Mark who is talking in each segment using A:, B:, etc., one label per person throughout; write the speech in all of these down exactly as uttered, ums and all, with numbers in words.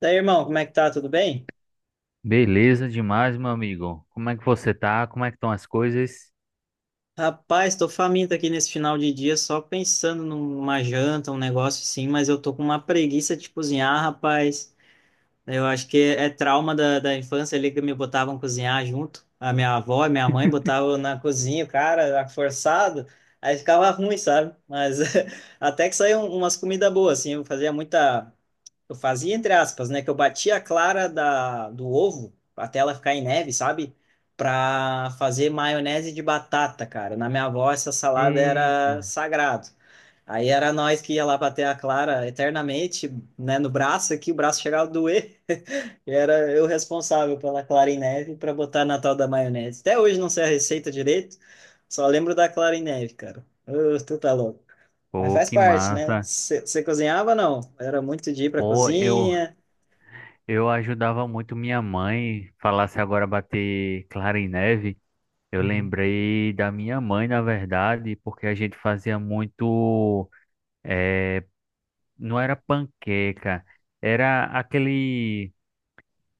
A: Daí, irmão, como é que tá? Tudo bem?
B: Beleza demais, meu amigo. Como é que você tá? Como é que estão as coisas?
A: Rapaz, tô faminto aqui nesse final de dia, só pensando numa janta, um negócio assim, mas eu tô com uma preguiça de cozinhar, rapaz. Eu acho que é trauma da, da infância ali que me botavam cozinhar junto. A minha avó e minha mãe botavam na cozinha, cara, era forçado. Aí ficava ruim, sabe? Mas até que saiu umas comidas boas, assim. Eu fazia muita. Eu fazia entre aspas, né? Que eu batia a clara da, do ovo até ela ficar em neve, sabe? Pra fazer maionese de batata, cara. Na minha avó, essa salada
B: Eita,
A: era sagrado. Aí era nós que ia lá bater a clara eternamente, né? No braço aqui, o braço chegava a doer. E era eu responsável pela clara em neve pra botar na tal da maionese. Até hoje não sei a receita direito, só lembro da clara em neve, cara. Ô, tu tá louco. Mas
B: pô,
A: faz
B: que
A: parte, né?
B: massa.
A: Você cozinhava, não? Era muito de ir pra
B: Pô, eu,
A: cozinha.
B: eu ajudava muito minha mãe. Falasse agora bater clara em neve. Eu
A: Uhum.
B: lembrei da minha mãe, na verdade, porque a gente fazia muito. eh, não era panqueca, era aquele.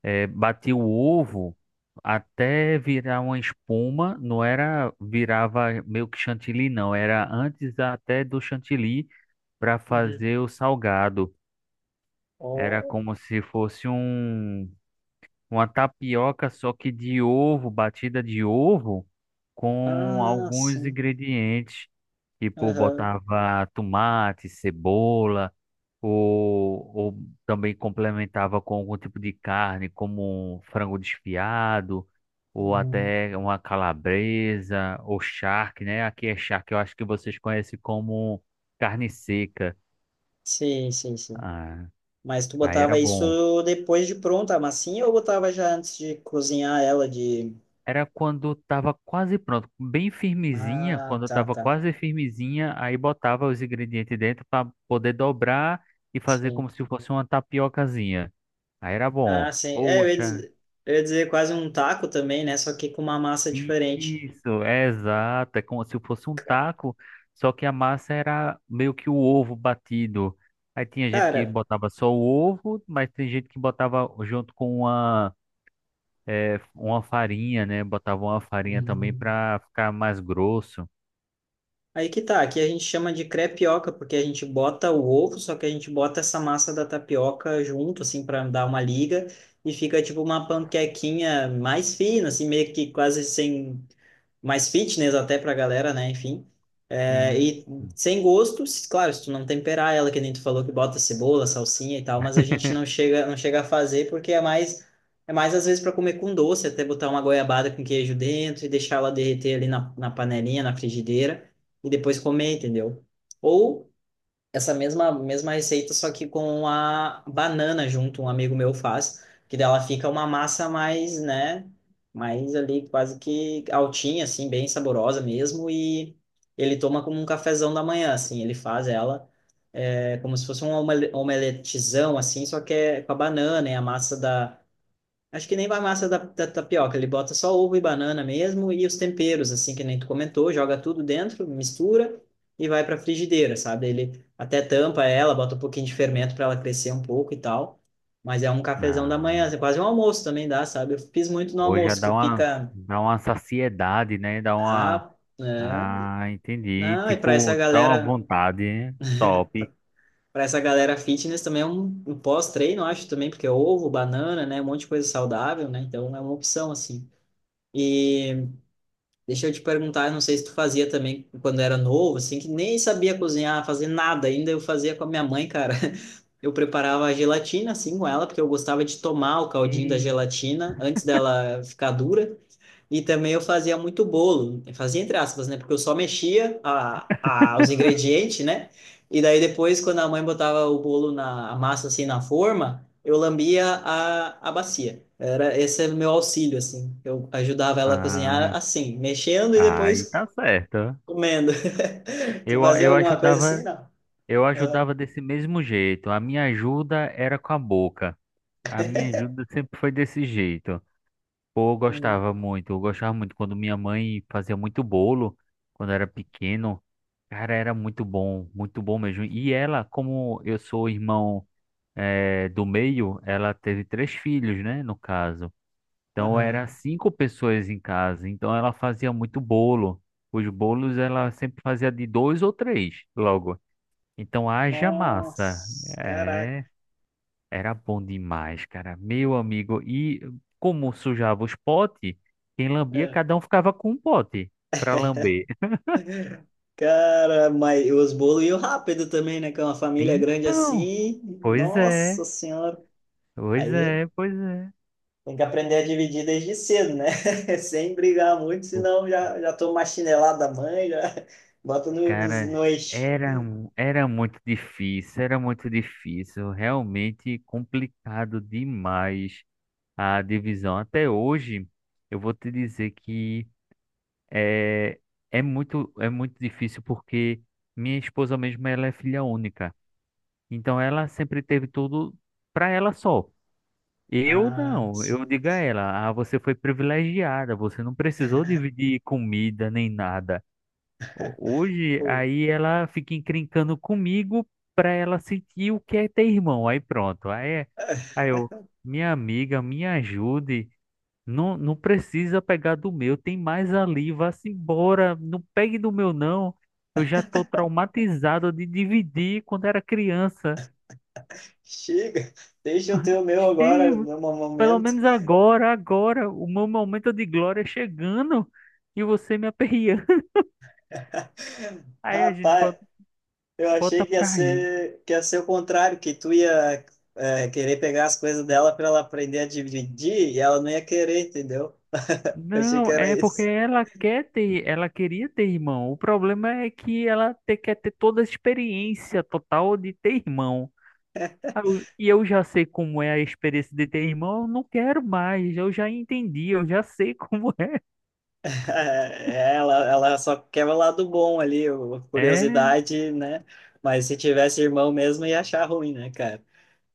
B: É, batia o ovo até virar uma espuma, não era, virava meio que chantilly, não, era antes até do chantilly para
A: Uhum.
B: fazer o salgado. Era
A: Oh.
B: como se fosse um, uma tapioca, só que de ovo, batida de ovo, com
A: Ah,
B: alguns
A: sim.
B: ingredientes. Tipo,
A: Aham.
B: botava tomate, cebola, ou, ou também complementava com algum tipo de carne, como um frango desfiado, ou
A: Uhum.
B: até uma calabresa, ou charque, né? Aqui é charque, eu acho que vocês conhecem como carne seca.
A: Sim, sim, sim.
B: Ah,
A: Mas tu
B: aí era
A: botava
B: bom.
A: isso depois de pronta a massinha ou botava já antes de cozinhar ela de...
B: Era quando tava quase pronto, bem firmezinha,
A: Ah,
B: quando
A: tá,
B: tava
A: tá.
B: quase firmezinha, aí botava os ingredientes dentro para poder dobrar e fazer
A: Sim.
B: como se fosse uma tapiocazinha. Aí era
A: Ah,
B: bom.
A: sim. É, eu ia
B: Poxa,
A: dizer, eu ia dizer quase um taco também, né? Só que com uma massa diferente.
B: isso, é exato. É como se fosse um
A: Ca-
B: taco, só que a massa era meio que o ovo batido. Aí tinha gente que
A: Cara...
B: botava só o ovo, mas tem gente que botava junto com uma, é, uma farinha, né? Botava uma farinha também
A: Uhum.
B: para ficar mais grosso.
A: Aí que tá, aqui a gente chama de crepioca, porque a gente bota o ovo, só que a gente bota essa massa da tapioca junto, assim, para dar uma liga, e fica tipo uma panquequinha mais fina, assim, meio que quase sem mais fitness até pra galera, né? Enfim. É,
B: Hum.
A: e sem gosto, se- claro, se tu não temperar ela, que nem tu falou que bota cebola, salsinha e tal, mas a gente não chega, não chega a fazer porque é mais, é mais às vezes para comer com doce, até botar uma goiabada com queijo dentro e deixar ela derreter ali na, na panelinha, na frigideira e depois comer, entendeu? Ou essa mesma, mesma receita, só que com a banana junto, um amigo meu faz, que dela fica uma massa mais, né, mais ali quase que altinha, assim, bem saborosa mesmo, e ele toma como um cafezão da manhã, assim, ele faz ela, é como se fosse um omele- omeletezão, assim, só que é com a banana, é a massa da. Acho que nem vai massa da, da tapioca, ele bota só ovo e banana mesmo e os temperos, assim, que nem tu comentou, joga tudo dentro, mistura e vai para frigideira, sabe? Ele até tampa ela, bota um pouquinho de fermento para ela crescer um pouco e tal. Mas é um cafezão da
B: Ah,
A: manhã, assim, quase um almoço também dá, sabe? Eu fiz muito no
B: hoje já
A: almoço, que
B: dá uma,
A: fica
B: dá uma saciedade, né? Dá uma.
A: rápido, né?
B: Ah, entendi.
A: Não, e para essa
B: Tipo, dá uma
A: galera,
B: vontade, né? Top.
A: para essa galera fitness também é um, um pós-treino, acho também, porque é ovo, banana, né? Um monte de coisa saudável, né? Então é uma opção, assim. E deixa eu te perguntar, eu não sei se tu fazia também quando era novo, assim, que nem sabia cozinhar, fazer nada ainda, eu fazia com a minha mãe, cara. Eu preparava a gelatina, assim, com ela, porque eu gostava de tomar o caldinho da
B: Ei,
A: gelatina antes dela ficar dura. E também eu fazia muito bolo, eu fazia entre aspas, né? Porque eu só mexia a, a, os ingredientes, né? E daí depois, quando a mãe botava o bolo na a massa assim na forma, eu lambia a, a bacia. Era esse é meu auxílio assim. Eu ajudava ela a cozinhar
B: ah,
A: assim, mexendo e
B: aí
A: depois
B: tá certo.
A: comendo. Tu
B: Eu,
A: fazia
B: eu
A: alguma coisa assim,
B: ajudava,
A: não?
B: eu
A: Ah,
B: ajudava desse mesmo jeito. A minha ajuda era com a boca. A minha ajuda sempre foi desse jeito. Pô, eu
A: hum,
B: gostava muito, eu gostava muito quando minha mãe fazia muito bolo, quando era pequeno. Cara, era muito bom, muito bom mesmo. E ela, como eu sou o irmão, eh, do meio, ela teve três filhos, né, no caso. Então era
A: aham.
B: cinco pessoas em casa, então ela fazia muito bolo. Os bolos ela sempre fazia de dois ou três logo. Então haja massa.
A: Nossa, caraca.
B: É, era bom demais, cara. Meu amigo, e como sujava os potes, quem lambia,
A: Ah.
B: cada um ficava com um pote para lamber.
A: Cara, mas os bolos iam rápido também, né? Com uma família grande
B: Então,
A: assim,
B: pois
A: nossa
B: é,
A: senhora.
B: pois
A: Aí
B: é, pois é.
A: tem que aprender a dividir desde cedo, né? Sem brigar muito, senão já, já toma uma chinelada da mãe, já bota no, no,
B: Cara,
A: no eixo.
B: era, mu- era muito difícil, era muito difícil, realmente complicado demais a divisão. Até hoje, eu vou te dizer que é, é muito, é muito difícil porque minha esposa mesmo, ela é filha única. Então, ela sempre teve tudo para ela só. Eu
A: Ah,
B: não, eu digo a ela, ah, você foi privilegiada, você não precisou dividir comida nem nada ho- hoje,
A: pô,
B: aí ela fica encrencando comigo pra ela sentir o que é ter irmão. Aí pronto. Aí, aí eu, minha amiga, me ajude. Não, não precisa pegar do meu, tem mais ali, vá-se embora. Não pegue do meu, não. Eu já tô traumatizado de dividir quando era criança.
A: chega, deixa eu ter o meu agora,
B: Chega,
A: no
B: pelo
A: momento.
B: menos agora, agora, o meu momento de glória chegando e você me aperreando. Aí a gente
A: Rapaz,
B: bota,
A: eu achei
B: bota
A: que ia
B: pra rir.
A: ser, que ia ser o contrário, que tu ia é, querer pegar as coisas dela para ela aprender a dividir e ela não ia querer, entendeu? Eu achei que
B: Não,
A: era
B: é porque
A: isso.
B: ela quer ter, ela queria ter irmão. O problema é que ela te- quer ter toda a experiência total de ter irmão. Ah, eu- E eu já sei como é a experiência de ter irmão, eu não quero mais. Eu já entendi, eu já sei como é.
A: É, ela, ela só quer o lado bom ali, o- a
B: É,
A: curiosidade, né? Mas se tivesse irmão mesmo, ia achar ruim, né, cara?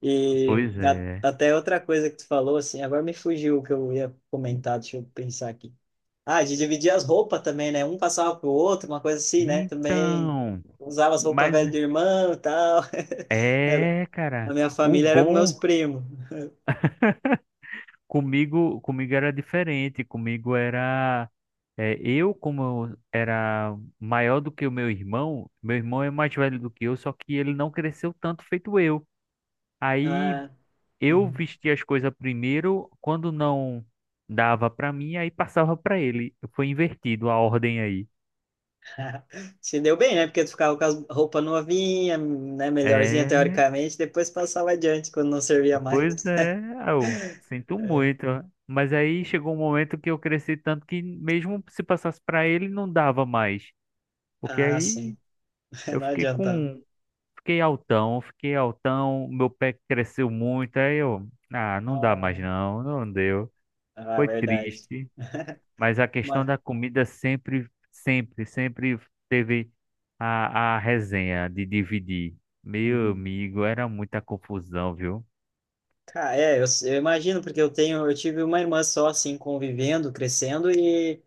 A: E
B: pois
A: a-
B: é.
A: até outra coisa que tu falou, assim, agora me fugiu o que eu ia comentar, deixa eu pensar aqui. Ah, de dividir as roupas também, né? Um passava pro outro, uma coisa assim, né? Também
B: Então,
A: usava as roupas
B: mas
A: velhas do irmão e tal. Era-
B: é,
A: A
B: cara,
A: minha
B: o
A: família era com meus
B: bom.
A: primos.
B: Comigo, comigo era diferente, comigo era é, eu como eu era maior do que o meu irmão, meu irmão é mais velho do que eu, só que ele não cresceu tanto feito eu. Aí
A: Ah,
B: eu
A: uhum.
B: vestia as coisas primeiro, quando não dava pra mim, aí passava pra ele. Foi invertido a ordem aí.
A: Se deu bem, né? Porque tu ficava com a roupa novinha, né? Melhorzinha
B: É,
A: teoricamente, depois passava adiante quando não servia mais.
B: pois é, eu sinto
A: É.
B: muito. Mas aí chegou um momento que eu cresci tanto que mesmo se passasse pra ele não dava mais. Porque
A: Ah,
B: aí
A: sim.
B: eu
A: Não
B: fiquei
A: adiantava.
B: com. Fiquei altão, fiquei altão, meu pé cresceu muito, aí eu. Ah, não dá mais
A: Não.
B: não, não deu.
A: Ah,
B: Foi
A: verdade.
B: triste, mas a questão
A: Mas,
B: da comida sempre, sempre, sempre teve a, a resenha de dividir. Meu
A: uhum.
B: amigo, era muita confusão, viu?
A: Cara, é, eu, eu imagino, porque eu tenho, eu tive uma irmã só, assim, convivendo, crescendo, e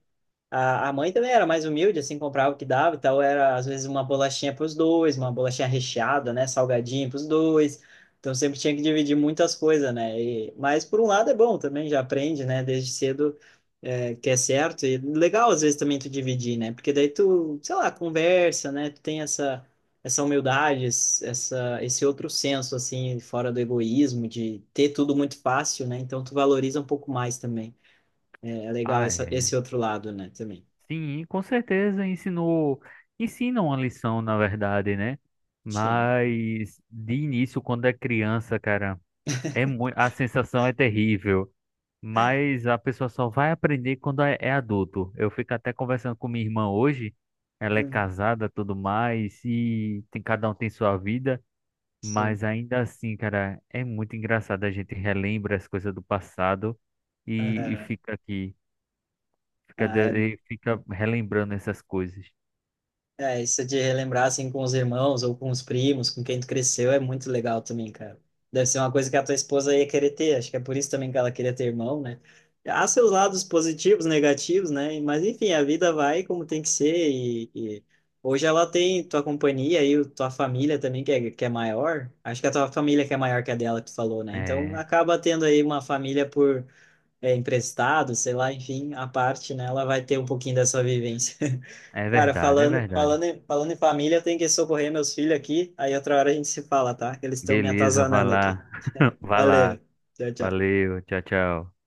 A: A, a mãe também era mais humilde, assim, comprava o que dava e tal. Era, às vezes, uma bolachinha para os dois, uma bolachinha recheada, né? Salgadinho para os dois. Então, sempre tinha que dividir muitas coisas, né? E, mas, por um lado, é bom também, já aprende, né? Desde cedo, é, que é certo. E legal, às vezes, também tu dividir, né? Porque daí tu, sei lá, conversa, né? Tu tem essa, essa humildade, es- essa, esse outro senso, assim, fora do egoísmo, de ter tudo muito fácil, né? Então, tu valoriza um pouco mais também. É, é legal
B: Ah,
A: essa,
B: é.
A: esse outro lado, né? Também.
B: Sim, com certeza ensinou. Ensina uma lição, na verdade, né?
A: Sim,
B: Mas de início, quando é criança, cara, é muito, a sensação é terrível. Mas a pessoa só vai aprender quando é é adulto. Eu fico até conversando com minha irmã hoje. Ela é
A: hum,
B: casada, tudo mais, e tem, cada um tem sua vida.
A: sim.
B: Mas ainda assim, cara, é muito engraçado. A gente relembra as coisas do passado e, e
A: Aham.
B: fica aqui, fica,
A: Ah, é,
B: de- e fica relembrando essas coisas.
A: é, isso de relembrar assim com os irmãos ou com os primos, com quem tu cresceu, é muito legal também, cara. Deve ser uma coisa que a tua esposa ia querer ter, acho que é por isso também que ela queria ter irmão, né? Há seus lados positivos, negativos, né? Mas enfim, a vida vai como tem que ser e, e hoje ela tem tua companhia e o- tua família também, que é, que é maior. Acho que a tua família que é maior que a dela, que tu falou, né? Então
B: É,
A: acaba tendo aí uma família por é, emprestado, sei lá, enfim, a parte, né, ela vai ter um pouquinho dessa vivência.
B: é
A: Cara,
B: verdade, é
A: falando,
B: verdade.
A: falando, em- falando em família, eu tenho que socorrer meus filhos aqui, aí outra hora a gente se fala, tá? Que eles estão me
B: Beleza, vai
A: atazanando aqui.
B: lá, vai
A: Valeu.
B: lá.
A: Tchau, tchau.
B: Valeu, tchau, tchau.